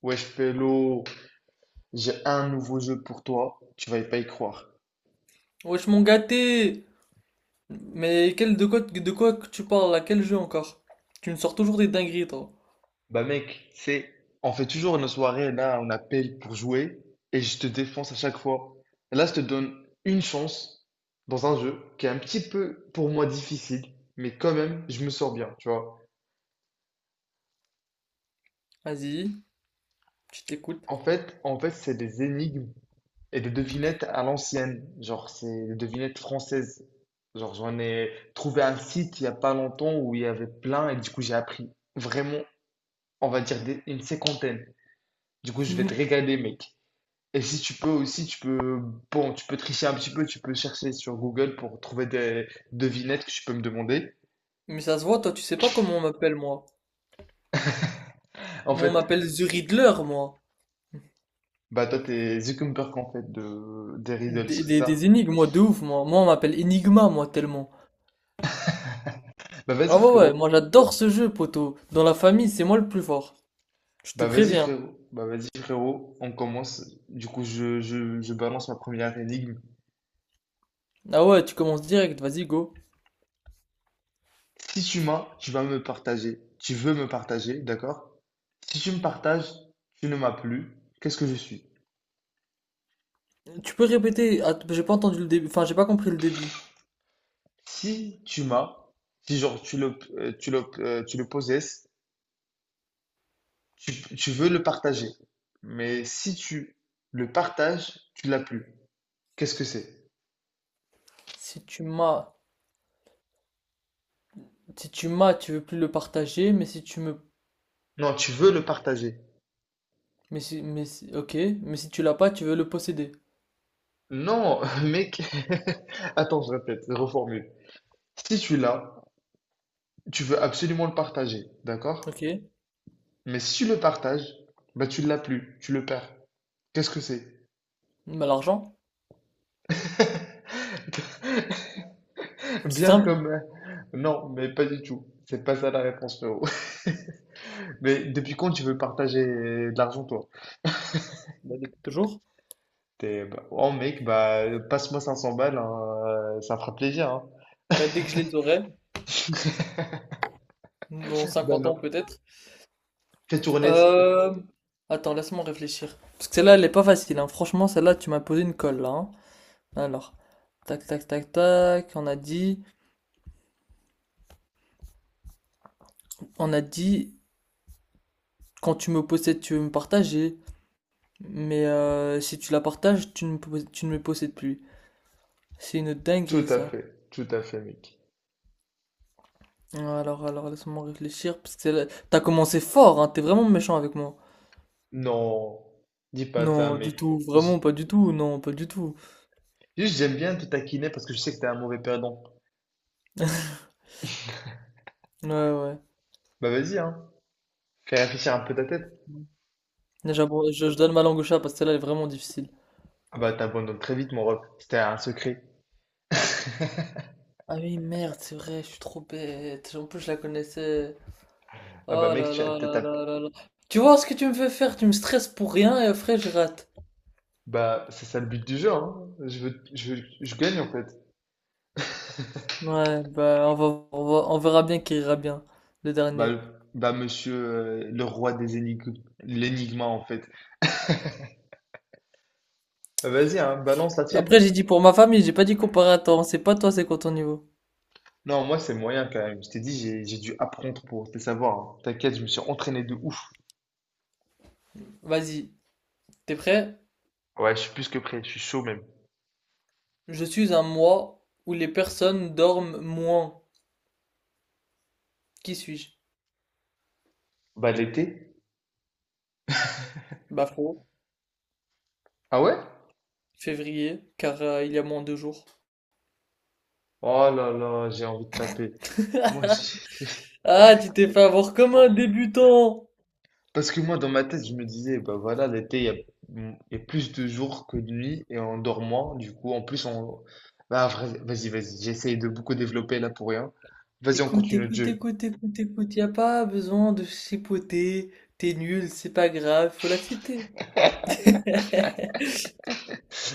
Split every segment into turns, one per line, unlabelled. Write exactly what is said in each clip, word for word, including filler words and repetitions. Wesh Pélo, j'ai un nouveau jeu pour toi, tu vas pas y croire.
Wesh mon gâté! Mais quel, de quoi, de quoi que tu parles là? Quel jeu encore? Tu me sors toujours des dingueries toi.
Bah mec, c'est... On fait toujours une soirée, là on appelle pour jouer, et je te défonce à chaque fois. Là je te donne une chance dans un jeu qui est un petit peu pour moi difficile, mais quand même je me sors bien, tu vois.
Vas-y, je t'écoute.
En fait, en fait c'est des énigmes et des devinettes à l'ancienne, genre c'est des devinettes françaises. Genre j'en ai trouvé un site il y a pas longtemps où il y avait plein, et du coup j'ai appris vraiment on va dire des- une cinquantaine. Du coup, je vais te régaler, mec. Et si tu peux aussi, tu peux, bon, tu peux tricher un petit peu, tu peux chercher sur Google pour trouver des devinettes que tu peux me demander.
Mais ça se voit, toi tu sais pas comment on m'appelle moi.
En
Moi on
fait,
m'appelle The Riddler moi.
bah toi, t'es Zuckerberg, en fait, de, des riddles,
Des,
c'est
des,
ça?
des énigmes moi de ouf moi. Moi on m'appelle Enigma moi tellement.
Bah
Ah
vas-y,
ouais ouais,
frérot.
moi j'adore ce jeu poteau. Dans la famille c'est moi le plus fort. Je te
Bah vas-y,
préviens.
frérot. Bah vas-y, frérot. On commence. Du coup, je, je, je balance ma première énigme.
Ah ouais, tu commences direct, vas-y go.
Si tu m'as, tu vas me partager. Tu veux me partager, d'accord? Si tu me partages, tu ne m'as plus. Qu'est-ce que je suis?
Tu peux répéter, ah, j'ai pas entendu le début, enfin j'ai pas compris le début.
Si tu m'as, si genre tu le, euh, tu le, euh, tu le possèdes, tu, tu veux le partager. Mais si tu le partages, tu l'as plus. Qu'est-ce que c'est?
Si tu m'as... Si tu m'as, tu veux plus le partager, mais si tu me...
Non, tu veux le partager.
Mais si... Mais si- Ok, mais si tu l'as pas, tu veux le posséder.
Non, mec. Attends, je répète, je reformule. Si tu l'as, tu veux absolument le partager,
Ok,
d'accord? Mais si tu le partages, bah tu l'as plus, tu le perds. Qu'est-ce que c'est?
bah l'argent, c'est
Bien
simple.
comme... euh, Non, mais pas du tout. C'est pas ça la réponse, frérot. Mais depuis quand tu veux partager de l'argent, toi?
Bah depuis toujours.
T'es, bah, oh mec, bah, passe-moi cinq cents balles, hein, euh, ça fera plaisir, hein.
Bah dès que je les aurai, dans
Bah
cinquante ans
non.
peut-être.
Fais tourner.
Euh... Attends, laisse-moi réfléchir. Parce que celle-là, elle est pas facile, hein. Franchement, celle-là, tu m'as posé une colle, là. Hein. Alors, tac, tac, tac, tac, on a dit... On a dit, quand tu me possèdes, tu veux me partager. Mais euh, si tu la partages, tu ne, me pos- tu ne me possèdes plus. C'est une
Tout
dinguerie,
à
ça.
fait, tout à fait, mec.
Ouais. Alors, alors, laisse-moi réfléchir, parce que c'est la- t'as commencé fort, hein, t'es vraiment méchant avec moi.
Non, dis pas ça,
Non, du
mec.
tout, vraiment
J-
pas du tout, non, pas du tout.
Juste, j'aime bien te taquiner parce que je sais que t'es un mauvais perdant.
Ouais, ouais.
Bah vas-y, hein. Fais réfléchir un peu ta tête.
Là, J'abro- Je, je donne ma langue au chat parce que celle-là elle est vraiment difficile.
Ah bah t'abandonnes très vite, mon ref. C'était un secret.
Ah oui, merde, c'est vrai, je suis trop bête. En plus, je la connaissais.
Ah bah
Oh
mec,
là
tu as,
là
t'as-
là
t'as-
là là là. Tu vois ce que tu me fais faire, tu me stresses pour rien et après je rate.
Bah, c'est ça le but du jeu, hein. Je veux, je veux- je gagne, en fait.
Ouais, bah on va, on va- on verra bien qui ira bien, le
Bah,
dernier.
bah monsieur euh, le roi des énigmes, l'énigma en fait. Bah, vas-y, hein, balance la tienne.
Après, j'ai dit pour ma famille, j'ai pas dit comparateur, c'est pas toi, c'est quoi ton niveau?
Non, moi c'est moyen quand même. Je t'ai dit, j'ai j'ai dû apprendre pour te savoir. Hein. T'inquiète, je me suis entraîné de ouf.
Vas-y, t'es prêt?
Ouais, je suis plus que prêt, je suis chaud même.
Je suis un mois où les personnes dorment moins. Qui suis-je?
Bah l'été?
Bah faux.
Ah ouais?
Février, car euh, il y a moins de jours.
Oh là là, j'ai envie de taper. Moi, j'ai-
Ah, tu t'es fait avoir comme un débutant!
Parce que moi dans ma tête, je me disais, bah voilà, l'été, il y a, il y a plus de jours que de nuits et on dort moins. Du coup, en plus, on. Bah vas- vas-y, vas-y, j'essaye de beaucoup développer là pour rien. Vas-y, on
Écoute,
continue le
écoute,
jeu.
écoute, écoute, écoute, y a pas besoin de chipoter. T'es nul, c'est pas grave, faut l'accepter.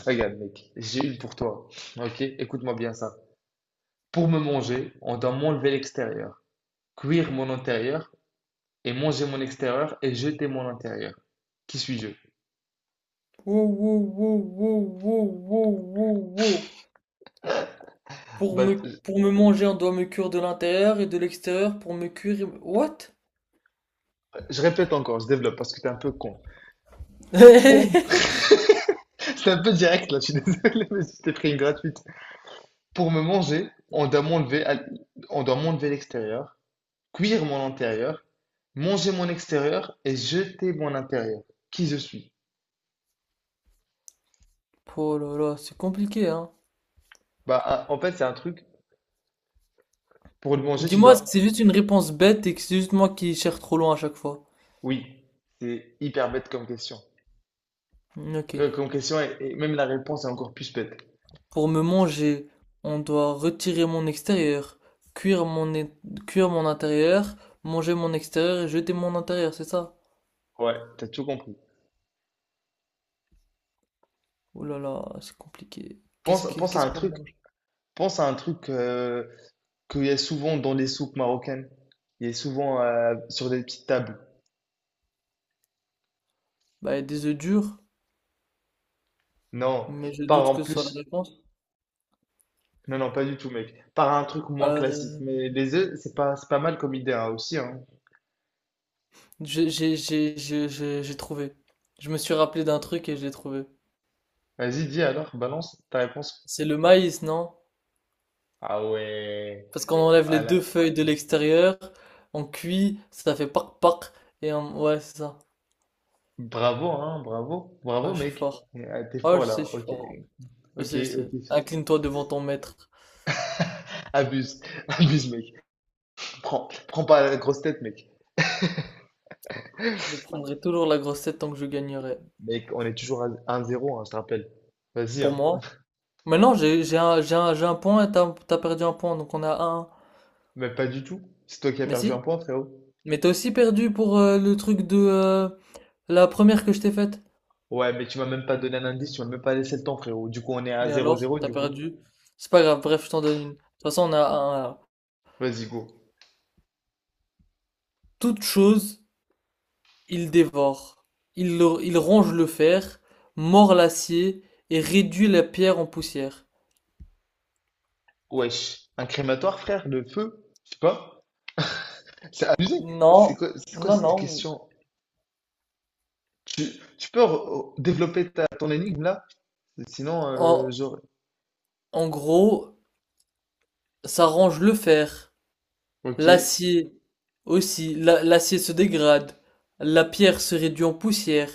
Regarde, mec, j'ai une pour toi. Ok, écoute-moi bien ça. Pour me manger, on doit m'enlever l'extérieur, cuire mon intérieur et manger mon extérieur et jeter mon intérieur. Qui suis-je?
Wow, wow, wow, wow, wow, wow, wow, wow. Pour
Bah,
me,
je
pour me manger, on doit me cuire de l'intérieur et de l'extérieur pour me cuire. Et- What?
je répète encore, je développe parce que t'es un peu con. Pour... C'est un peu direct là, je suis désolé, mais je t'ai pris une gratuite. Pour me manger, on doit m'enlever, à- on doit m'enlever l'extérieur, cuire mon intérieur, manger mon extérieur et jeter mon intérieur. Qui je suis?
Oh là là, c'est compliqué, hein.
Bah, un- en fait, c'est un truc. Pour le manger, tu
Dis-moi
dois
que c'est juste une réponse bête et que c'est juste moi qui cherche trop loin à chaque fois.
Oui, c'est hyper bête comme question.
Hmm, ok.
Que- Comme question, et, et même la réponse est encore plus bête.
Pour me manger, on doit retirer mon extérieur, cuire mon, é- cuire mon intérieur, manger mon extérieur et jeter mon intérieur, c'est ça?
Ouais, t'as tout compris.
Oh là là, c'est compliqué. Qu'est-ce
Pense,
que,
pense à
qu'est-ce
un
qu'on
truc,
mange?
pense à un truc euh, qu'il y a souvent dans les soupes marocaines. Il y a souvent euh, sur des petites tables.
Bah, des œufs durs,
Non,
mais je
par
doute
en
que ce soit la
plus.
réponse.
Non, non, pas du tout, mec. Par un truc moins classique.
Euh,
Mais les œufs, c'est pas, c'est pas mal comme idée hein, aussi. Hein.
j'ai, j'ai, j'ai, j'ai, j'ai j'ai trouvé. Je me suis rappelé d'un truc et je l'ai trouvé.
Vas-y, dis alors, balance ta réponse.
C'est le maïs, non?
Ah ouais.
Parce qu'on enlève les deux
Voilà.
feuilles de l'extérieur, on cuit, ça fait pac pac et on- ouais, c'est ça.
Bravo, hein, bravo. Bravo,
Ouais, je suis
mec.
fort.
Ah, t'es
Ouais,
fort
je
là.
sais, je suis
Ok.
fort. Je
Ok,
sais, je sais.
ok.
Incline-toi devant ton maître.
Abuse, abuse, mec. Prends, prends pas la grosse tête, mec.
Je prendrai toujours la grosse tête tant que je gagnerai.
Mec, on est toujours à un zéro, hein, je te rappelle. Vas-y,
Pour
hein.
moi. Maintenant, j'ai j'ai un, j'ai un, j'ai un point et t'as t'as perdu un point, donc on a un. Un.
Mais pas du tout. C'est toi qui as
Mais
perdu
si.
un point, frérot.
Mais t'as aussi perdu pour euh, le truc de euh, la première que je t'ai faite.
Ouais, mais tu m'as même pas donné un indice, tu m'as même pas laissé le temps, frérot. Du coup, on est à
Mais
zéro
alors,
zéro,
t'as
du coup.
perdu. C'est pas grave, bref, je t'en donne une. De toute façon, on a un. Un.
Vas-y, go.
Toute chose il dévore, il le- il ronge le fer, mord l'acier et réduit la pierre en poussière.
Wesh. Un crématoire, frère, le feu? Je sais pas. C'est abusé.
Non,
C'est quoi, c'est quoi
non,
cette
non.
question? Tu, tu peux re- développer ta, ton énigme, là? Sinon,
En,
euh, j'aurais.
en gros, ça ronge le fer,
Ok.
l'acier aussi. La- l'acier se dégrade, la pierre se réduit en poussière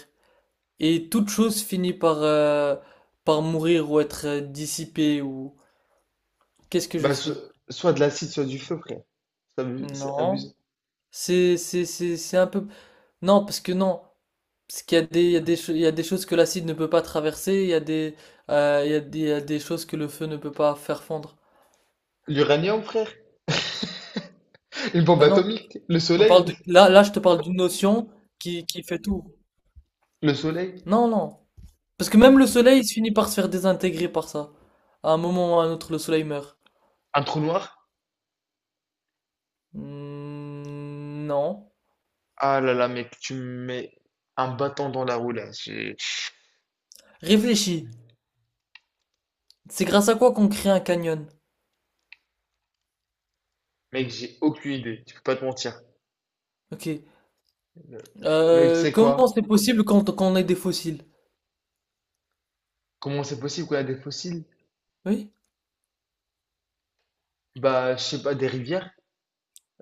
et toute chose finit par, euh, par mourir ou être euh, dissipée ou... Qu'est-ce que je
Bah, so-
suis?
soit de l'acide, soit du feu, frère. C'est abu- c'est
Non.
abusé.
C'est, c'est, c'est, c'est un peu... Non, parce que non. Parce qu'il y a des, il y a des, cho- il y a des choses que l'acide ne peut pas traverser, il y a des, euh, il y a des, il y a des choses que le feu ne peut pas faire fondre.
L'uranium, frère? Une bombe
Ben non,
atomique, le
on
soleil,
parle de, là, là, je te parle d'une notion qui, qui fait tout.
le soleil,
Non, non. Parce que même le soleil, il se finit par se faire désintégrer par ça. À un moment ou à un autre, le soleil meurt.
un trou noir.
Hmm, non.
Ah là là, mec, tu me mets un bâton dans la roue là. J'ai-
Réfléchis. C'est grâce à quoi qu'on crée un canyon?
Mec, j'ai aucune idée, je peux pas te mentir.
Ok.
Mec, tu
Euh,
sais
comment c'est
quoi?
possible quand, quand on est des fossiles?
Comment c'est possible qu'on a des fossiles?
Oui?
Bah, je sais pas, des rivières?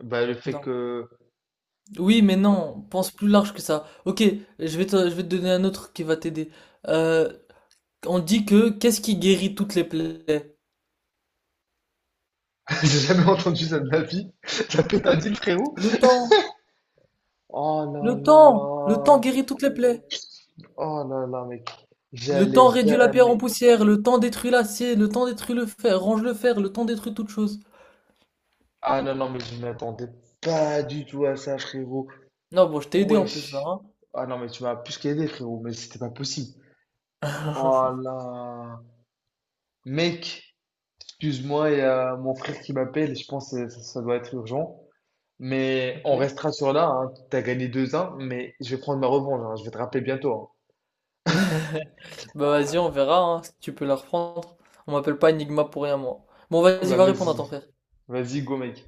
Bah, le fait
Non.
que.
Oui, mais
Oh.
non, pense plus large que ça. Ok, je vais te, je vais te donner un autre qui va t'aider. Euh, on dit que qu'est-ce qui guérit toutes les plaies?
J'ai jamais entendu ça de ma vie. La pétadine, frérot.
Le temps,
Oh là
le temps, le temps
là.
guérit toutes les plaies.
Oh là là, mec.
Le
J'allais
temps réduit la pierre en
jamais.
poussière, le temps détruit l'acier, le temps détruit le fer, range le fer, le temps détruit toute chose.
Ah non, non, mais je m'attendais pas du tout à ça, frérot.
Non, bon, je t'ai aidé en plus là,
Wesh.
hein.
Ah non, mais tu m'as plus qu'aidé, frérot, mais c'était pas possible. Oh là. Mec, excuse-moi, il y a mon frère qui m'appelle, je pense que ça, ça doit être urgent. Mais
Ok.
on restera sur là, hein. T'as gagné deux un mais je vais prendre ma revanche, hein. Je vais te rappeler bientôt,
Bah vas-y, on verra, hein, si tu peux la reprendre. On m'appelle pas Enigma pour rien, moi. Bon,
hein.
vas-y,
Bah
va répondre à
vas-y.
ton frère.
Vas-y, go, mec.